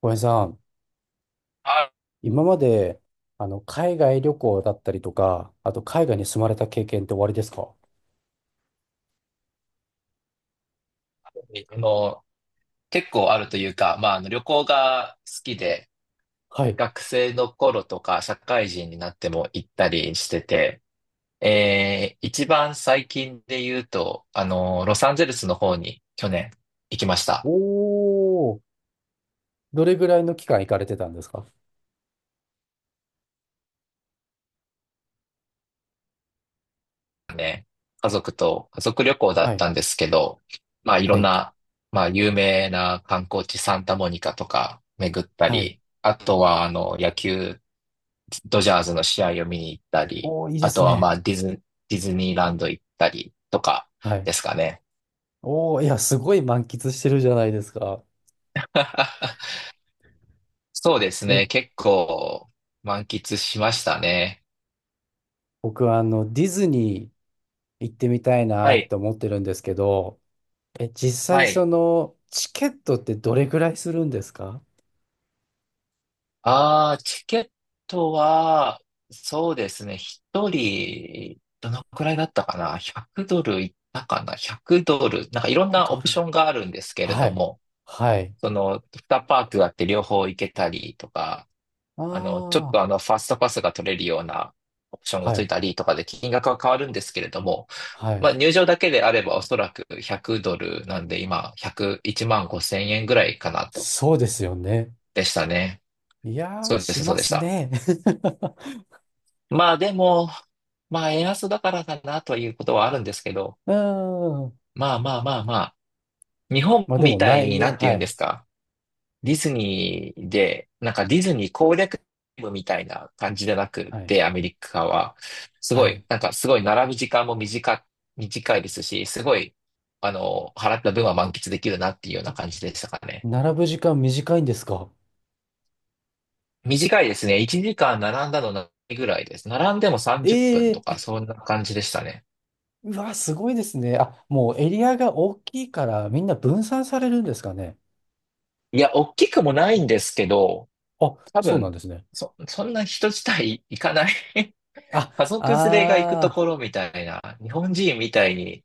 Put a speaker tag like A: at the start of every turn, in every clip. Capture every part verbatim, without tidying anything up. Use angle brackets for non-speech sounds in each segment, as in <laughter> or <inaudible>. A: 小林さん、
B: あ
A: 今まで、あの、海外旅行だったりとか、あと海外に住まれた経験って終わりですか？
B: の、結構あるというか、まあ、あの旅行が好きで、
A: はい。
B: 学生の頃とか社会人になっても行ったりしてて、えー、一番最近で言うと、あの、ロサンゼルスの方に去年行きました。
A: おー、どれぐらいの期間行かれてたんですか？
B: ね。家族と、家族旅行だ
A: は
B: っ
A: い。
B: たんですけど、まあ、いろ
A: は
B: ん
A: い。
B: な、まあ、有名な観光地サンタモニカとか巡った
A: はい。
B: り、あとは、あの、野球ドジャーズの試合を見に行ったり、
A: おー、いいで
B: あ
A: す
B: とはま
A: ね。
B: あディズ、ディズニーランド行ったりとか
A: はい。
B: ですかね。
A: おー、いや、すごい満喫してるじゃないですか。
B: <laughs> そうですね。
A: ね、
B: 結構満喫しましたね。
A: 僕はあの、ディズニー行ってみたい
B: は
A: なっ
B: い。
A: て思ってるんですけど、え、実
B: は
A: 際そ
B: い。
A: の、チケットってどれぐらいするんですか？
B: ああ、チケットは、そうですね。一人、どのくらいだったかな？ ひゃく ドルいったかな？ ひゃく ドル。なんかいろんな
A: ド
B: オプ
A: ル。
B: ションがあるんですけれ
A: は
B: ど
A: い。
B: も、
A: はい。
B: その、にパークがあって両方行けたりとか、
A: あ
B: あの、ちょっとあ
A: あ、
B: の、ファストパスが取れるようなオプションが
A: は
B: つい
A: い。
B: たりとかで金額は変わるんですけれども、
A: はい。
B: まあ、入場だけであればおそらくひゃくドルなんで今、ひゃくいちまんごせん円ぐらいかなと。
A: そうですよね。
B: でしたね。
A: いや
B: そ
A: ー、
B: うでし
A: し
B: た、そう
A: ま
B: でし
A: す
B: た。
A: ね。<laughs>
B: まあでも、まあ円安だからかなということはあるんですけど、
A: うーん。
B: まあまあまあまあ、日本
A: まあで
B: み
A: も
B: たい
A: 内
B: にな
A: 容、
B: んて言
A: は
B: うんで
A: い。
B: すか。ディズニーで、なんかディズニー攻略部みたいな感じじゃなくっ
A: はい。
B: て、アメリカは、す
A: は
B: ご
A: い。
B: い、なんかすごい並ぶ時間も短、短いですし、すごい、あの、払った分は満喫できるなっていうような
A: あ、
B: 感じでしたかね。
A: 並ぶ時間短いんですか？
B: 短いですね。いちじかん並んだのないぐらいです。並んでも
A: え
B: さんじゅっぷんと
A: え
B: か、
A: ー、
B: そんな感じでしたね。
A: うわ、すごいですね。あ、もうエリアが大きいからみんな分散されるんですかね。
B: いや、大きくもないんですけど、
A: あ、
B: 多
A: そうなん
B: 分、
A: ですね。
B: そ、そんな人自体行かない <laughs>
A: あ、
B: 家族連れが行くと
A: あ
B: ころみたいな、日本人みたいに、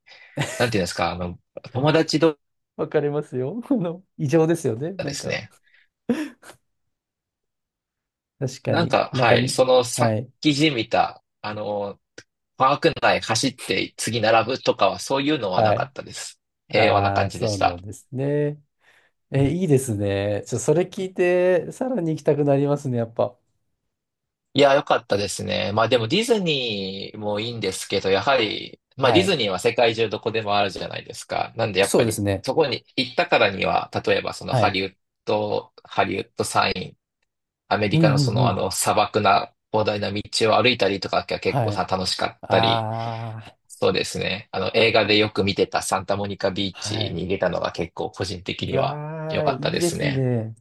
B: なんていうんですか、あの、友達同士
A: ー、わかりますよ。<laughs> この、異常ですよね。
B: が
A: な
B: で
A: ん
B: す
A: か、
B: ね、
A: 確か
B: なん
A: に。
B: か、
A: なんか
B: はい、
A: に、
B: そのさ
A: は
B: っ
A: い。
B: きじみた、あの、パーク内走って次並ぶとかはそういうのはな
A: は
B: か
A: い。
B: ったです。平和な
A: あ
B: 感
A: あ、
B: じで
A: そう
B: し
A: なん
B: た。
A: ですね。
B: う
A: え、
B: ん、
A: いいですね。ちょ、それ聞いて、さらに行きたくなりますね、やっぱ。
B: いや、良かったですね。まあでもディズニーもいいんですけど、やはり、まあ
A: は
B: ディズ
A: い。
B: ニーは世界中どこでもあるじゃないですか。なんでやっ
A: そ
B: ぱ
A: うです
B: り、
A: ね。
B: そこに行ったからには、例えばその
A: は
B: ハ
A: い。
B: リウッド、ハリウッドサインアメ
A: う
B: リ
A: ん
B: カの
A: う
B: そ
A: んう
B: のあ
A: ん。
B: の砂漠な広大な道を歩いたりとかが結構
A: はい。
B: さ楽しかったり、
A: ああ、
B: そうですね。あの映画でよく見てたサンタモニカビー
A: は
B: チ
A: い。
B: に行けたのが結構個人的
A: う
B: には
A: わ
B: 良
A: あ、
B: か
A: い
B: った
A: い
B: で
A: で
B: す
A: す
B: ね。
A: ね。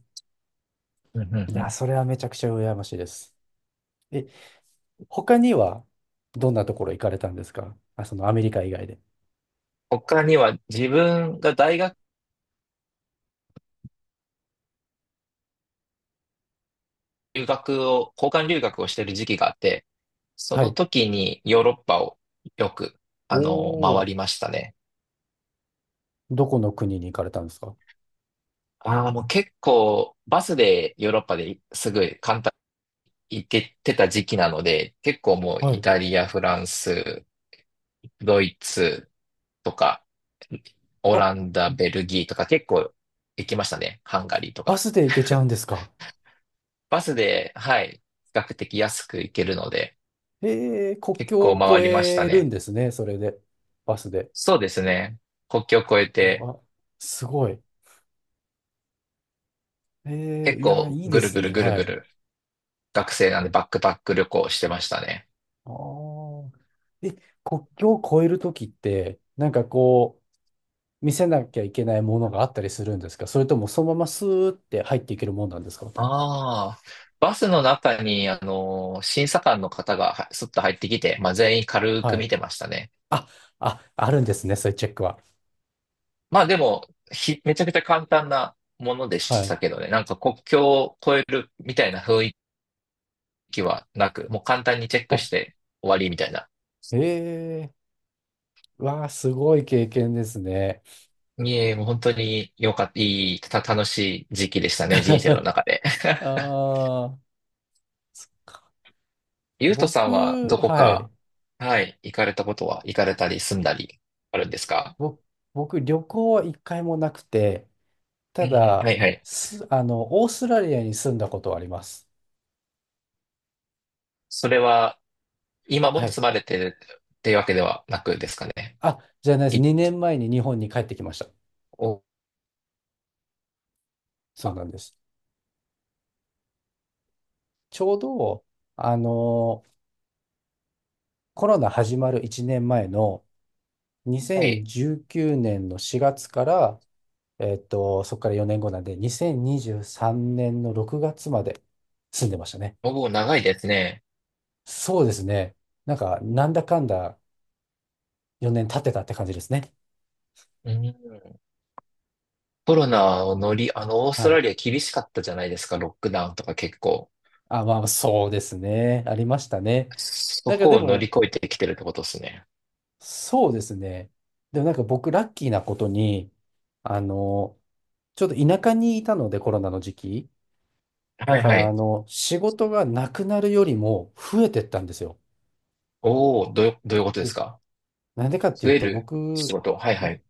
B: うんうん
A: い
B: う
A: や、
B: ん。
A: それはめちゃくちゃ羨ましいです。え、他には、どんなところ行かれたんですか？あ、そのアメリカ以外で。
B: 他には自分が大学留学を、交換留学をしてる時期があって、そ
A: は
B: の
A: い。
B: 時にヨーロッパをよく、
A: お
B: あの、
A: お、
B: 回りましたね。
A: どこの国に行かれたんですか？
B: ああ、もう結構バスでヨーロッパですぐ簡単行っててた時期なので、結構もう
A: は
B: イ
A: い。
B: タリア、フランス、ドイツとか、オ
A: あ、
B: ランダ、ベルギーとか結構行きましたね。ハンガリーと
A: バ
B: か。
A: スで行けちゃうんですか？
B: バスで、はい、比較的安く行けるので、
A: ええ、国
B: 結
A: 境
B: 構
A: を
B: 回
A: 越
B: りました
A: えるん
B: ね。
A: ですね、それで。バスで。
B: そうですね。国境を越えて、
A: あ、すごい。えー、
B: 結
A: いや、
B: 構
A: いいで
B: ぐる
A: す
B: ぐる
A: ね。
B: ぐる
A: は
B: ぐ
A: い。
B: る、学生なんでバックパック旅行してましたね。
A: ああ。え、国境を越えるときって、なんかこう、見せなきゃいけないものがあったりするんですか？それともそのままスーって入っていけるもんなんですか？
B: ああ、バスの中に、あの、審査官の方がはすっと入ってきて、まあ、全員軽く
A: はい。
B: 見てましたね。
A: あ、あ、あるんですね。そういうチェックは。
B: まあでも、ひ、めちゃくちゃ簡単なもので
A: は
B: し
A: い。
B: たけどね。なんか国境を越えるみたいな雰囲気はなく、もう簡単にチェック
A: あ、
B: して終わりみたいな。
A: ええー、わあ、すごい経験ですね。
B: いえ、もう本当に良かった、いい、た、楽しい時期でしたね、人生の
A: <laughs>
B: 中で。
A: あ
B: <laughs>
A: あ、そっか。
B: ゆうとさんは
A: 僕、
B: どこ
A: はい。
B: か、はい、行かれたことは、行かれたり住んだりあるんですか？
A: ぼ僕、旅行は一回もなくて、
B: うん
A: た
B: うん、は
A: だ、
B: いはい。
A: す、あの、オーストラリアに住んだことはあります。
B: それは、今
A: は
B: も
A: い。
B: 住まれてるっていうわけではなくですかね。
A: あ、じゃないです。
B: い
A: にねんまえに日本に帰ってきました。
B: お、
A: そうなんです。ちょうど、あの、コロナ始まるいちねんまえの
B: はい。
A: にせんじゅうきゅうねんのしがつから、えっと、そこからよねんごなんで、にせんにじゅうさんねんのろくがつまで住んでましたね。
B: 僕も長いですね。
A: そうですね。なんか、なんだかんだよねん経ってたって感じですね。
B: うん。コロナを乗り、あの、オース
A: は
B: ト
A: い。
B: ラリア厳しかったじゃないですか、ロックダウンとか結構。
A: あ、まあ、そうですね。ありましたね。
B: そ
A: なんか
B: こ
A: で
B: を乗り
A: も、
B: 越えてきてるってことですね。
A: そうですね。でもなんか僕、ラッキーなことに、あの、ちょっと田舎にいたので、コロナの時期。
B: は
A: だ
B: い
A: か
B: は
A: ら、あ
B: い。
A: の、仕事がなくなるよりも増えてったんですよ。
B: おお、どう、どういうことです
A: で、
B: か？
A: なんでかって
B: 増
A: いう
B: え
A: と、
B: る仕
A: 僕、
B: 事。はいはい。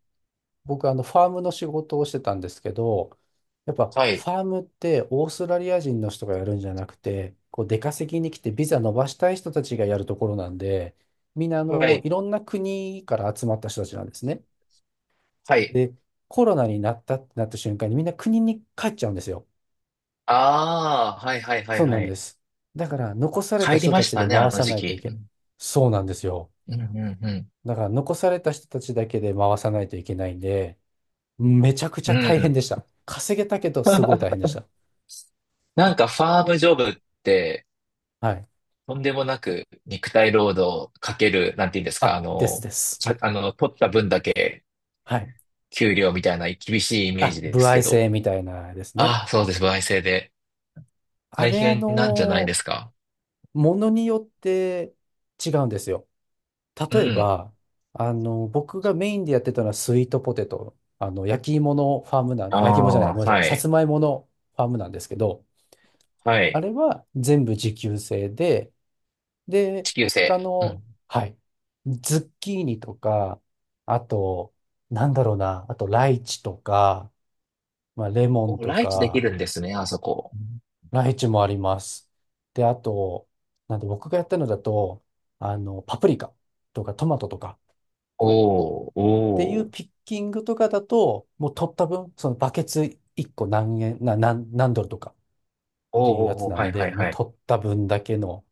A: 僕、あの、ファームの仕事をしてたんですけど、やっぱ、
B: は
A: フ
B: い。
A: ァームってオーストラリア人の人がやるんじゃなくて、こう、出稼ぎに来てビザ伸ばしたい人たちがやるところなんで、みんな、あ
B: は
A: の、
B: い。
A: いろんな国から集まった人たちなんですね。
B: はい。
A: で、コロナになったってなった瞬間にみんな国に帰っちゃうんですよ。
B: ああ、はいはいはい
A: そうな
B: は
A: んで
B: い。
A: す。だから残された
B: 帰り
A: 人
B: ま
A: た
B: し
A: ち
B: た
A: で
B: ね、あ
A: 回
B: の
A: さ
B: 時
A: ないと
B: 期。
A: いけない。そうなんですよ。
B: うん、うん、うんうん。
A: だから残された人たちだけで回さないといけないんで、めちゃくち
B: う
A: ゃ
B: んう
A: 大変
B: ん。
A: でした。稼げたけどすごい
B: <laughs>
A: 大変でした。
B: なんかファームジョブって、
A: はい。
B: とんでもなく肉体労働かける、なんて言うんですか、あ
A: あ、です
B: の、
A: です。
B: さあの、取った分だけ
A: はい。
B: 給料みたいな厳しいイメー
A: あ、
B: ジで
A: 歩
B: す
A: 合
B: けど。
A: 制みたいなですね。
B: ああ、そうです。歩合制で。
A: あ
B: 大
A: れ、あ
B: 変なんじゃないで
A: の
B: すか。
A: ものによって違うんですよ。
B: う
A: 例え
B: ん。
A: ば、あの、僕がメインでやってたのはスイートポテト、あの、焼き芋のファームな
B: あ
A: ん、あ焼き芋じゃない、
B: あ、
A: ごめんなさい、
B: は
A: さ
B: い。
A: つまいものファームなんですけど、
B: は
A: あ
B: い。
A: れは全部自給制で、で、
B: 地球制。
A: 他
B: う
A: の、
B: ん。
A: はい、ズッキーニとか、あと、なんだろうな、あとライチとか、まあ、レモン
B: お、
A: と
B: ライチでき
A: か、
B: るんですね、あそこ。
A: ライチもあります。で、あと、なんで僕がやったのだと、あの、パプリカとかトマトとか、
B: おー、おー、
A: ってい
B: お
A: う
B: ー、
A: ピッキングとかだと、もう取った分、そのバケツいっこ何円、な、何、何ドルとかっていうやつ
B: おー、
A: な
B: は
A: ん
B: い、はい、
A: で、も
B: は
A: う
B: い。
A: 取った分だけの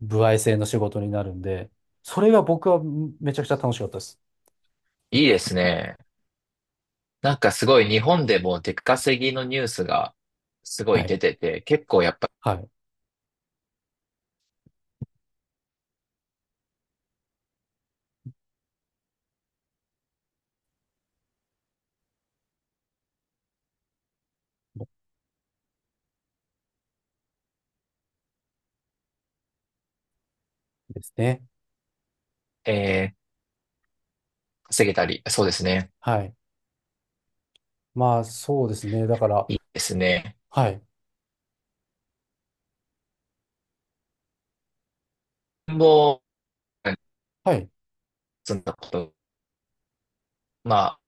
A: 歩合制の仕事になるんで、それが僕はめちゃくちゃ楽しかったです。
B: いいですね。なんかすごい日本でも出稼ぎのニュースがすご
A: は
B: い出
A: い。
B: てて、結構やっぱ、
A: はい。ですね。
B: えー、稼げたり、そうですね。
A: はい。まあ、そうですね。だから、
B: いいですね。
A: はい。
B: もう、
A: はい。
B: そんなこと。ま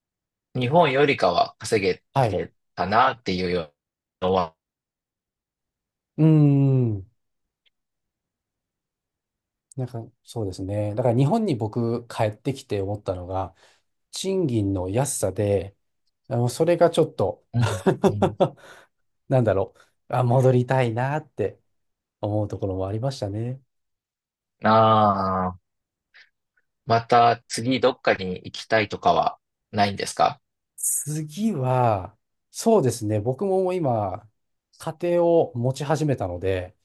B: あ日本よりかは稼げ
A: はい。
B: てたなっていうのは、
A: うーん。なんか、そうですね。だから日本に僕帰ってきて思ったのが、賃金の安さで、あの、それがちょっと
B: うんうん。
A: <laughs> なんだろう、あ、戻りたいなって思うところもありましたね。
B: ああ、また次どっかに行きたいとかはないんですか？
A: 次は、そうですね、僕ももう今、家庭を持ち始めたので、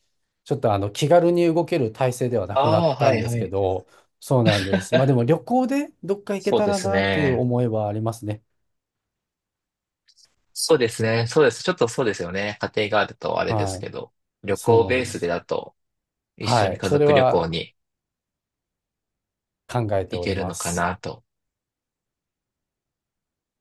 A: ちょっとあの気軽に動ける体制ではなくな
B: あ
A: っ
B: あ、
A: た
B: は
A: ん
B: い、
A: です
B: は
A: け
B: い。
A: ど、そうなんです。まあでも旅行でどっか行け
B: そう
A: た
B: で
A: ら
B: す
A: なっていう
B: ね。
A: 思いはありますね。
B: そうですね。そうです。ちょっとそうですよね。家庭があるとあれで
A: は
B: す
A: い。
B: けど、旅
A: そう
B: 行
A: なん
B: ベー
A: で
B: スで
A: す。
B: だと一緒
A: は
B: に
A: い。
B: 家
A: それ
B: 族旅行
A: は
B: に
A: 考えて
B: 行
A: おり
B: ける
A: ま
B: のか
A: す。
B: なと。